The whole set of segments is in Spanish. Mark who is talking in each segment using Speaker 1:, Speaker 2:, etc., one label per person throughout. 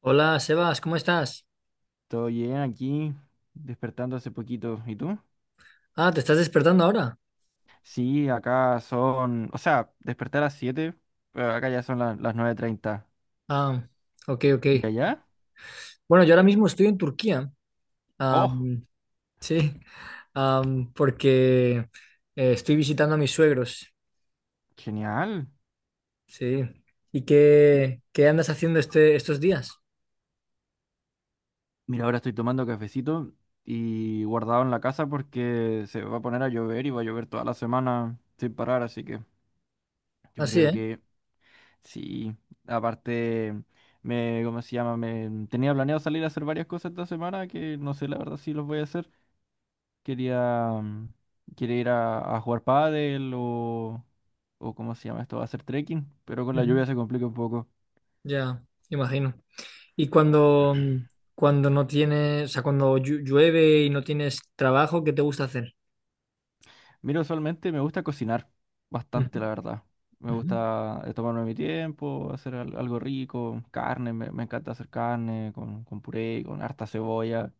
Speaker 1: Hola, Sebas, ¿cómo estás?
Speaker 2: Todo bien aquí, despertando hace poquito. ¿Y tú?
Speaker 1: Ah, ¿te estás despertando ahora?
Speaker 2: Sí, acá son, o sea, desperté a las 7, pero acá ya son las nueve treinta.
Speaker 1: Ah, ok, ok.
Speaker 2: ¿Y allá?
Speaker 1: Bueno, yo ahora mismo estoy en Turquía.
Speaker 2: ¡Oh!
Speaker 1: Am, sí, porque estoy visitando a mis suegros.
Speaker 2: ¡Genial!
Speaker 1: Sí. ¿Y qué andas haciendo estos días?
Speaker 2: Mira, ahora estoy tomando cafecito y guardado en la casa porque se va a poner a llover y va a llover toda la semana sin parar, así que yo
Speaker 1: Así,
Speaker 2: creo
Speaker 1: ¿eh?
Speaker 2: que sí. Aparte, me, ¿cómo se llama? Me tenía planeado salir a hacer varias cosas esta semana que no sé la verdad si los voy a hacer. Quería, quiere ir a jugar pádel o ¿cómo se llama esto? A hacer trekking, pero con la
Speaker 1: Ujú,
Speaker 2: lluvia se complica un poco.
Speaker 1: ya, imagino. Y cuando no tienes, o sea, cuando llueve y no tienes trabajo, ¿qué te gusta hacer?
Speaker 2: Mira, usualmente me gusta cocinar
Speaker 1: Ujú,
Speaker 2: bastante, la verdad. Me
Speaker 1: ujú.
Speaker 2: gusta tomarme mi tiempo, hacer algo rico, carne, me encanta hacer carne con puré, con harta cebolla.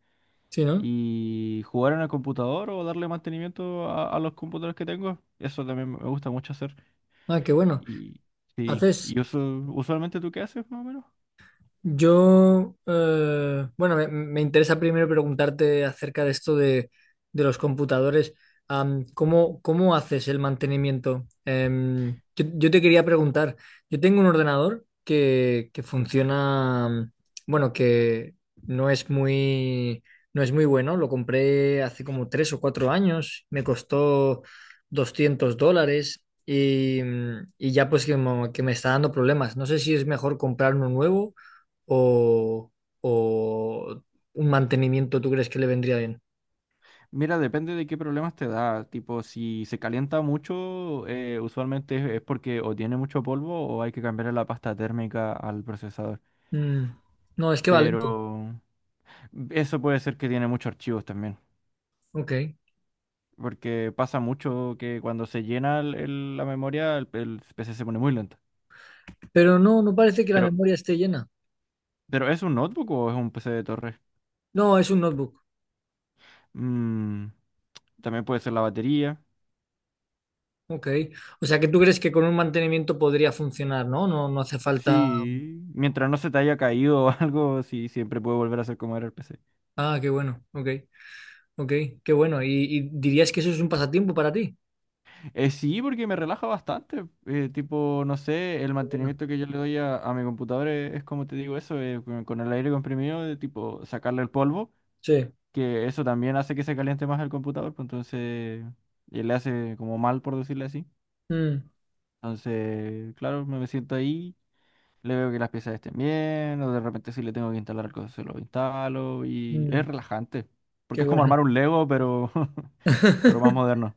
Speaker 1: Sí, ¿no?
Speaker 2: Y jugar en el computador o darle mantenimiento a los computadores que tengo, eso también me gusta mucho hacer.
Speaker 1: Ah, qué bueno.
Speaker 2: Y sí, y
Speaker 1: ¿Haces?
Speaker 2: usualmente ¿tú qué haces más o menos?
Speaker 1: Yo, bueno, me interesa primero preguntarte acerca de esto de los computadores. ¿Cómo ¿cómo, haces el mantenimiento? Yo te quería preguntar, yo tengo un ordenador que funciona, bueno, que no es muy, no es muy bueno. Lo compré hace como 3 o 4 años, me costó $200. Y ya pues que me está dando problemas. No sé si es mejor comprar uno nuevo o, o un mantenimiento tú crees que le vendría bien?
Speaker 2: Mira, depende de qué problemas te da. Tipo, si se calienta mucho, usualmente es porque o tiene mucho polvo o hay que cambiarle la pasta térmica al procesador.
Speaker 1: Mm. No, es que va lento.
Speaker 2: Pero eso puede ser que tiene muchos archivos también.
Speaker 1: Ok.
Speaker 2: Porque pasa mucho que cuando se llena la memoria, el PC se pone muy lento.
Speaker 1: Pero no parece que la
Speaker 2: Pero,
Speaker 1: memoria esté llena.
Speaker 2: pero ¿es un notebook o es un PC de torre?
Speaker 1: No, es un notebook.
Speaker 2: Mm, también puede ser la batería.
Speaker 1: Ok. O sea que tú crees que con un mantenimiento podría funcionar, ¿no? No hace falta.
Speaker 2: Sí, mientras no se te haya caído o algo, sí, siempre puede volver a ser como era el PC.
Speaker 1: Ah, qué bueno. Ok. Ok, qué bueno. ¿Y dirías que eso es un pasatiempo para ti?
Speaker 2: Sí, porque me relaja bastante. Tipo, no sé, el
Speaker 1: Bueno,
Speaker 2: mantenimiento que yo le doy a mi computadora es como te digo eso, con el aire comprimido, de tipo sacarle el polvo,
Speaker 1: sí.
Speaker 2: que eso también hace que se caliente más el computador, pues entonces y le hace como mal, por decirle así.
Speaker 1: Mm,
Speaker 2: Entonces, claro, me siento ahí, le veo que las piezas estén bien, o de repente si le tengo que instalar algo, se lo instalo, y es
Speaker 1: mm,
Speaker 2: relajante,
Speaker 1: qué
Speaker 2: porque es como
Speaker 1: bueno.
Speaker 2: armar un Lego, pero, pero más moderno.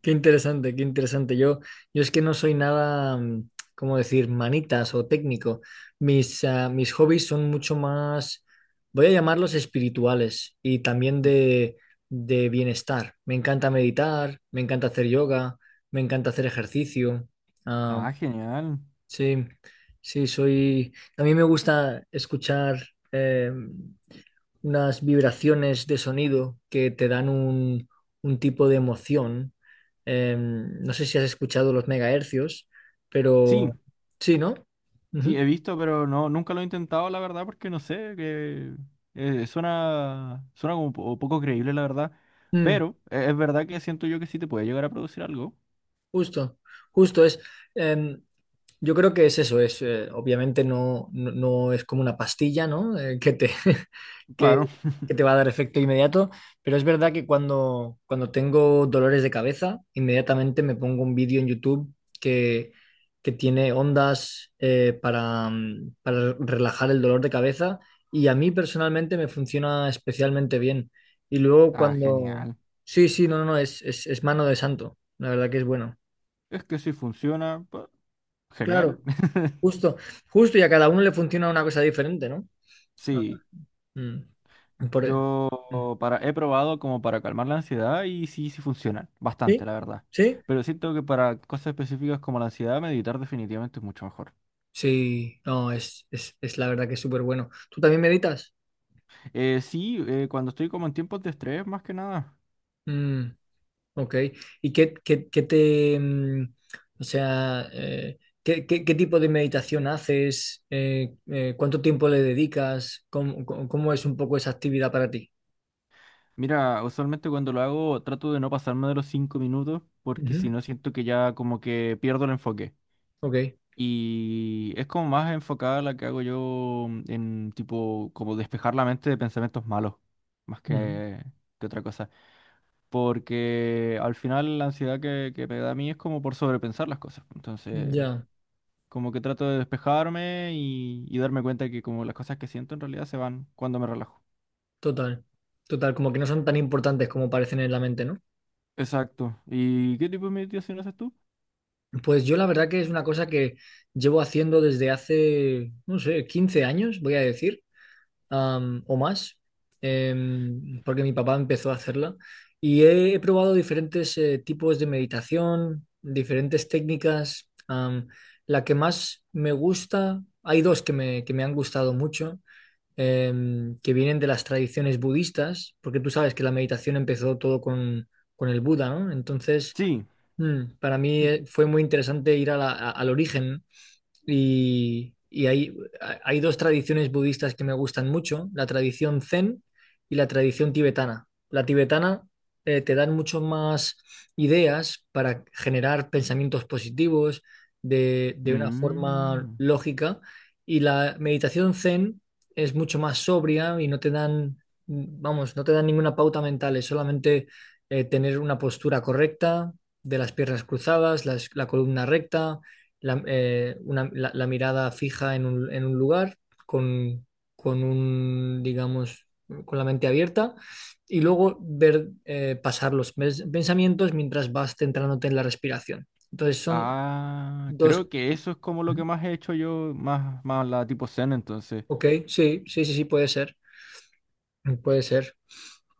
Speaker 1: Qué interesante, qué interesante. Yo es que no soy nada, ¿cómo decir?, manitas o técnico. Mis hobbies son mucho más, voy a llamarlos espirituales y también de bienestar. Me encanta meditar, me encanta hacer yoga, me encanta hacer ejercicio. Ah,
Speaker 2: Ah, genial.
Speaker 1: sí, sí, soy. A mí me gusta escuchar eh, unas vibraciones de sonido que te dan un tipo de emoción. No sé si has escuchado los megahercios, pero
Speaker 2: Sí,
Speaker 1: sí, ¿no?
Speaker 2: sí, he
Speaker 1: Ujú.
Speaker 2: visto, pero no, nunca lo he intentado, la verdad, porque no sé, que suena, suena como poco creíble, la verdad.
Speaker 1: Mm,
Speaker 2: Pero es verdad que siento yo que sí te puede llegar a producir algo.
Speaker 1: justo, justo es. eh, Yo creo que es eso, es obviamente no es como una pastilla, ¿no? Que te, que,
Speaker 2: Claro.
Speaker 1: que te va a dar efecto inmediato, pero es verdad que cuando tengo dolores de cabeza, inmediatamente me pongo un vídeo en YouTube que, que tiene ondas para, para relajar el dolor de cabeza y a mí personalmente me funciona especialmente bien. Y luego
Speaker 2: Ah,
Speaker 1: cuando...
Speaker 2: genial.
Speaker 1: Sí, sí, no, no, no, es mano de santo, la verdad que es bueno.
Speaker 2: Es que si funciona, pa- ¡genial!
Speaker 1: Claro. Justo, justo, y a cada uno le funciona una cosa diferente, ¿no? Ah,
Speaker 2: Sí,
Speaker 1: mm, por- mm.
Speaker 2: yo para, he probado como para calmar la ansiedad y sí, sí funciona, bastante,
Speaker 1: ¿Sí?
Speaker 2: la verdad.
Speaker 1: ¿Sí?
Speaker 2: Pero siento que para cosas específicas como la ansiedad, meditar definitivamente es mucho mejor.
Speaker 1: Sí, no, es la verdad que es súper bueno. ¿Tú también meditas?
Speaker 2: Sí, cuando estoy como en tiempos de estrés, más que nada.
Speaker 1: Mm, ok. ¿Y qué te, o sea, qué tipo de meditación haces? ¿Cuánto tiempo le dedicas? ¿Cómo cómo- es un poco esa actividad para ti?
Speaker 2: Mira, usualmente cuando lo hago trato de no pasarme de los cinco minutos porque si
Speaker 1: Ujú,
Speaker 2: no siento que ya como que pierdo el enfoque.
Speaker 1: ok.
Speaker 2: Y es como más enfocada la que hago yo en tipo como despejar la mente de pensamientos malos, más
Speaker 1: Ujú,
Speaker 2: que otra cosa. Porque al final la ansiedad que me da a mí es como por sobrepensar las cosas. Entonces
Speaker 1: ya,
Speaker 2: como que trato de despejarme y darme cuenta que como las cosas que siento en realidad se van cuando me relajo.
Speaker 1: total, total, como que no son tan importantes como parecen en la mente, ¿no?
Speaker 2: Exacto. ¿Y qué tipo de meditación haces tú?
Speaker 1: Pues yo la verdad que es una cosa que llevo haciendo desde hace, no sé, 15 años, voy a decir, o más, porque mi papá empezó a hacerla. Y he probado diferentes tipos de meditación, diferentes técnicas. La que más me gusta, hay dos que me han gustado mucho, que vienen de las tradiciones budistas, porque tú sabes que la meditación empezó todo con el Buda, ¿no? Entonces...
Speaker 2: Sí.
Speaker 1: Para mí fue muy interesante ir a al origen, ¿no? Y hay dos tradiciones budistas que me gustan mucho, la tradición zen y la tradición tibetana. La tibetana te dan mucho más ideas para generar pensamientos positivos de una forma
Speaker 2: Mm.
Speaker 1: lógica y la meditación zen es mucho más sobria y no te dan, vamos, no te dan ninguna pauta mental, es solamente tener una postura correcta de las piernas cruzadas, la columna recta la mirada fija en en un lugar, con, digamos, con la mente abierta, y luego ver pasar los pensamientos mientras vas centrándote en la respiración. Entonces son
Speaker 2: Ah,
Speaker 1: dos,
Speaker 2: creo que eso es como lo que más he hecho yo, más, más la tipo zen entonces.
Speaker 1: ok, sí, sí, sí, sí, puede ser, puede ser.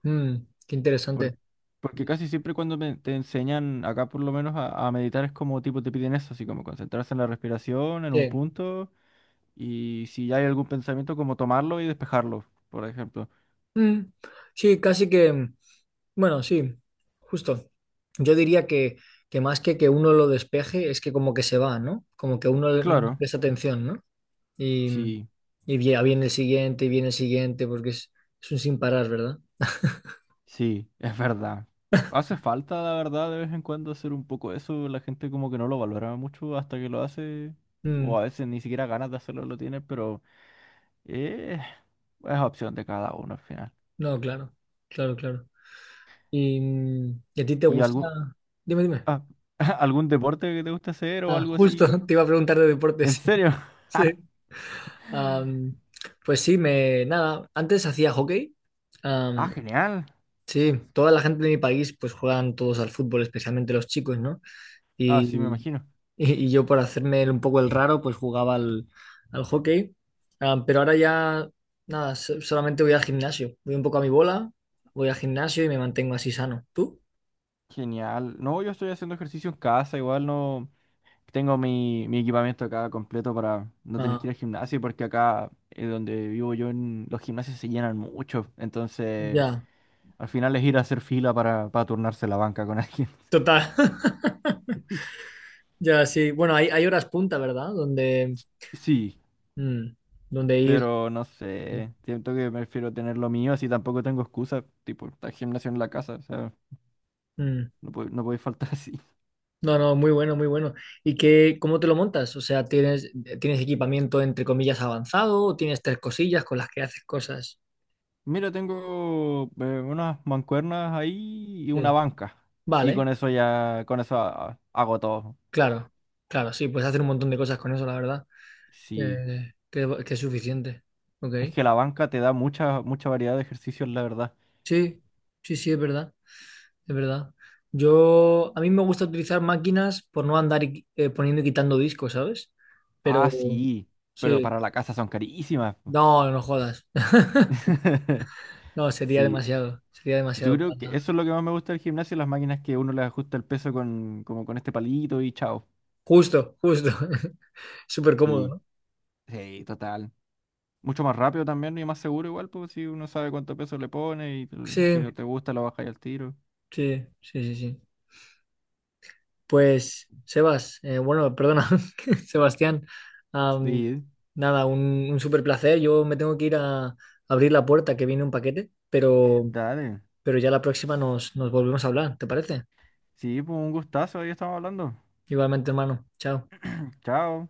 Speaker 1: Mm, qué
Speaker 2: Por-
Speaker 1: interesante.
Speaker 2: porque casi siempre cuando te enseñan, acá por lo menos, a meditar es como tipo te piden eso, así como concentrarse en la respiración, en un
Speaker 1: Sí.
Speaker 2: punto, y si ya hay algún pensamiento, como tomarlo y despejarlo, por ejemplo.
Speaker 1: Mm, sí, casi que... Bueno, sí, justo. Yo diría que más que uno lo despeje, es que como que se va, ¿no? Como que uno no le
Speaker 2: Claro,
Speaker 1: presta atención, ¿no? Y,
Speaker 2: sí.
Speaker 1: y viene el siguiente, y viene el siguiente, porque es un sin parar, ¿verdad?
Speaker 2: Sí, es verdad. Hace falta, la verdad, de vez en cuando hacer un poco eso. La gente como que no lo valora mucho hasta que lo hace. O
Speaker 1: Mm,
Speaker 2: a veces ni siquiera ganas de hacerlo lo tiene, pero eh, es opción de cada uno al final.
Speaker 1: no, claro, claro, claro. ¿Y a ti te
Speaker 2: ¿Y
Speaker 1: gusta?
Speaker 2: algún,
Speaker 1: Dime, dime.
Speaker 2: ah, algún deporte que te guste hacer o
Speaker 1: Ah,
Speaker 2: algo
Speaker 1: justo,
Speaker 2: así?
Speaker 1: te iba a preguntar de
Speaker 2: ¿En
Speaker 1: deportes.
Speaker 2: serio?
Speaker 1: Sí. Am, pues sí, nada, antes hacía hockey.
Speaker 2: Ah, genial.
Speaker 1: Sí, toda la gente de mi país pues juegan todos al fútbol, especialmente los chicos, ¿no?
Speaker 2: Ah, sí, me
Speaker 1: Y,
Speaker 2: imagino.
Speaker 1: y yo por hacerme un poco el raro pues jugaba al, al hockey. Ah, pero ahora ya nada, solamente voy al gimnasio, voy un poco a mi bola, voy al gimnasio y me mantengo así sano. ¿Tú?
Speaker 2: Genial. No, yo estoy haciendo ejercicio en casa, igual no. Tengo mi, mi equipamiento acá completo para no tener que
Speaker 1: Ah,
Speaker 2: ir al gimnasio, porque acá donde vivo yo, en- los gimnasios se llenan mucho. Entonces,
Speaker 1: ya,
Speaker 2: al final es ir a hacer fila para turnarse la banca con alguien.
Speaker 1: total. Ya, sí. Bueno, hay horas punta, ¿verdad? Donde,
Speaker 2: Sí,
Speaker 1: mm, donde ir.
Speaker 2: pero no
Speaker 1: Mm.
Speaker 2: sé. Siento que prefiero tener lo mío, así tampoco tengo excusa. Tipo, está el gimnasio en la casa, o sea,
Speaker 1: Mm.
Speaker 2: no puede, no puede faltar así.
Speaker 1: No, no, muy bueno, muy bueno. ¿Y cómo te lo montas? O sea, tienes equipamiento entre comillas avanzado o tienes tres cosillas con las que haces cosas?
Speaker 2: Mira, tengo unas mancuernas ahí y una
Speaker 1: Sí.
Speaker 2: banca. Y
Speaker 1: Vale,
Speaker 2: con eso ya, con eso hago todo.
Speaker 1: claro, claro, sí, puedes hacer un montón de cosas con eso, la verdad,
Speaker 2: Sí.
Speaker 1: que es suficiente. Ok,
Speaker 2: Es que la banca te da mucha, mucha variedad de ejercicios, la verdad.
Speaker 1: sí, sí, sí, es verdad, es verdad. A mí me gusta utilizar máquinas por no andar poniendo y quitando discos, ¿sabes? Pero,
Speaker 2: Ah, sí, pero
Speaker 1: sí,
Speaker 2: para la casa son carísimas. Po.
Speaker 1: no, no jodas. No,
Speaker 2: Sí,
Speaker 1: sería
Speaker 2: yo
Speaker 1: demasiado para
Speaker 2: creo que
Speaker 1: nada.
Speaker 2: eso es lo que más me gusta del gimnasio, las máquinas que uno le ajusta el peso con, como con este palito y chao.
Speaker 1: Justo, justo. Súper cómodo,
Speaker 2: Sí,
Speaker 1: ¿no?
Speaker 2: sí, total. Mucho más rápido también y más seguro igual, pues si uno sabe cuánto peso le pone y tal, si
Speaker 1: Sí,
Speaker 2: no te gusta lo bajas al tiro.
Speaker 1: sí, sí, sí, sí. Pues, Sebas, bueno, perdona, Sebastián, am,
Speaker 2: Sí,
Speaker 1: nada, un súper placer. Yo me tengo que ir a abrir la puerta que viene un paquete,
Speaker 2: dale.
Speaker 1: pero ya la próxima nos volvemos a hablar, ¿te parece?
Speaker 2: Sí, pues un gustazo, ahí estamos hablando.
Speaker 1: Igualmente, hermano. Chao.
Speaker 2: Chao.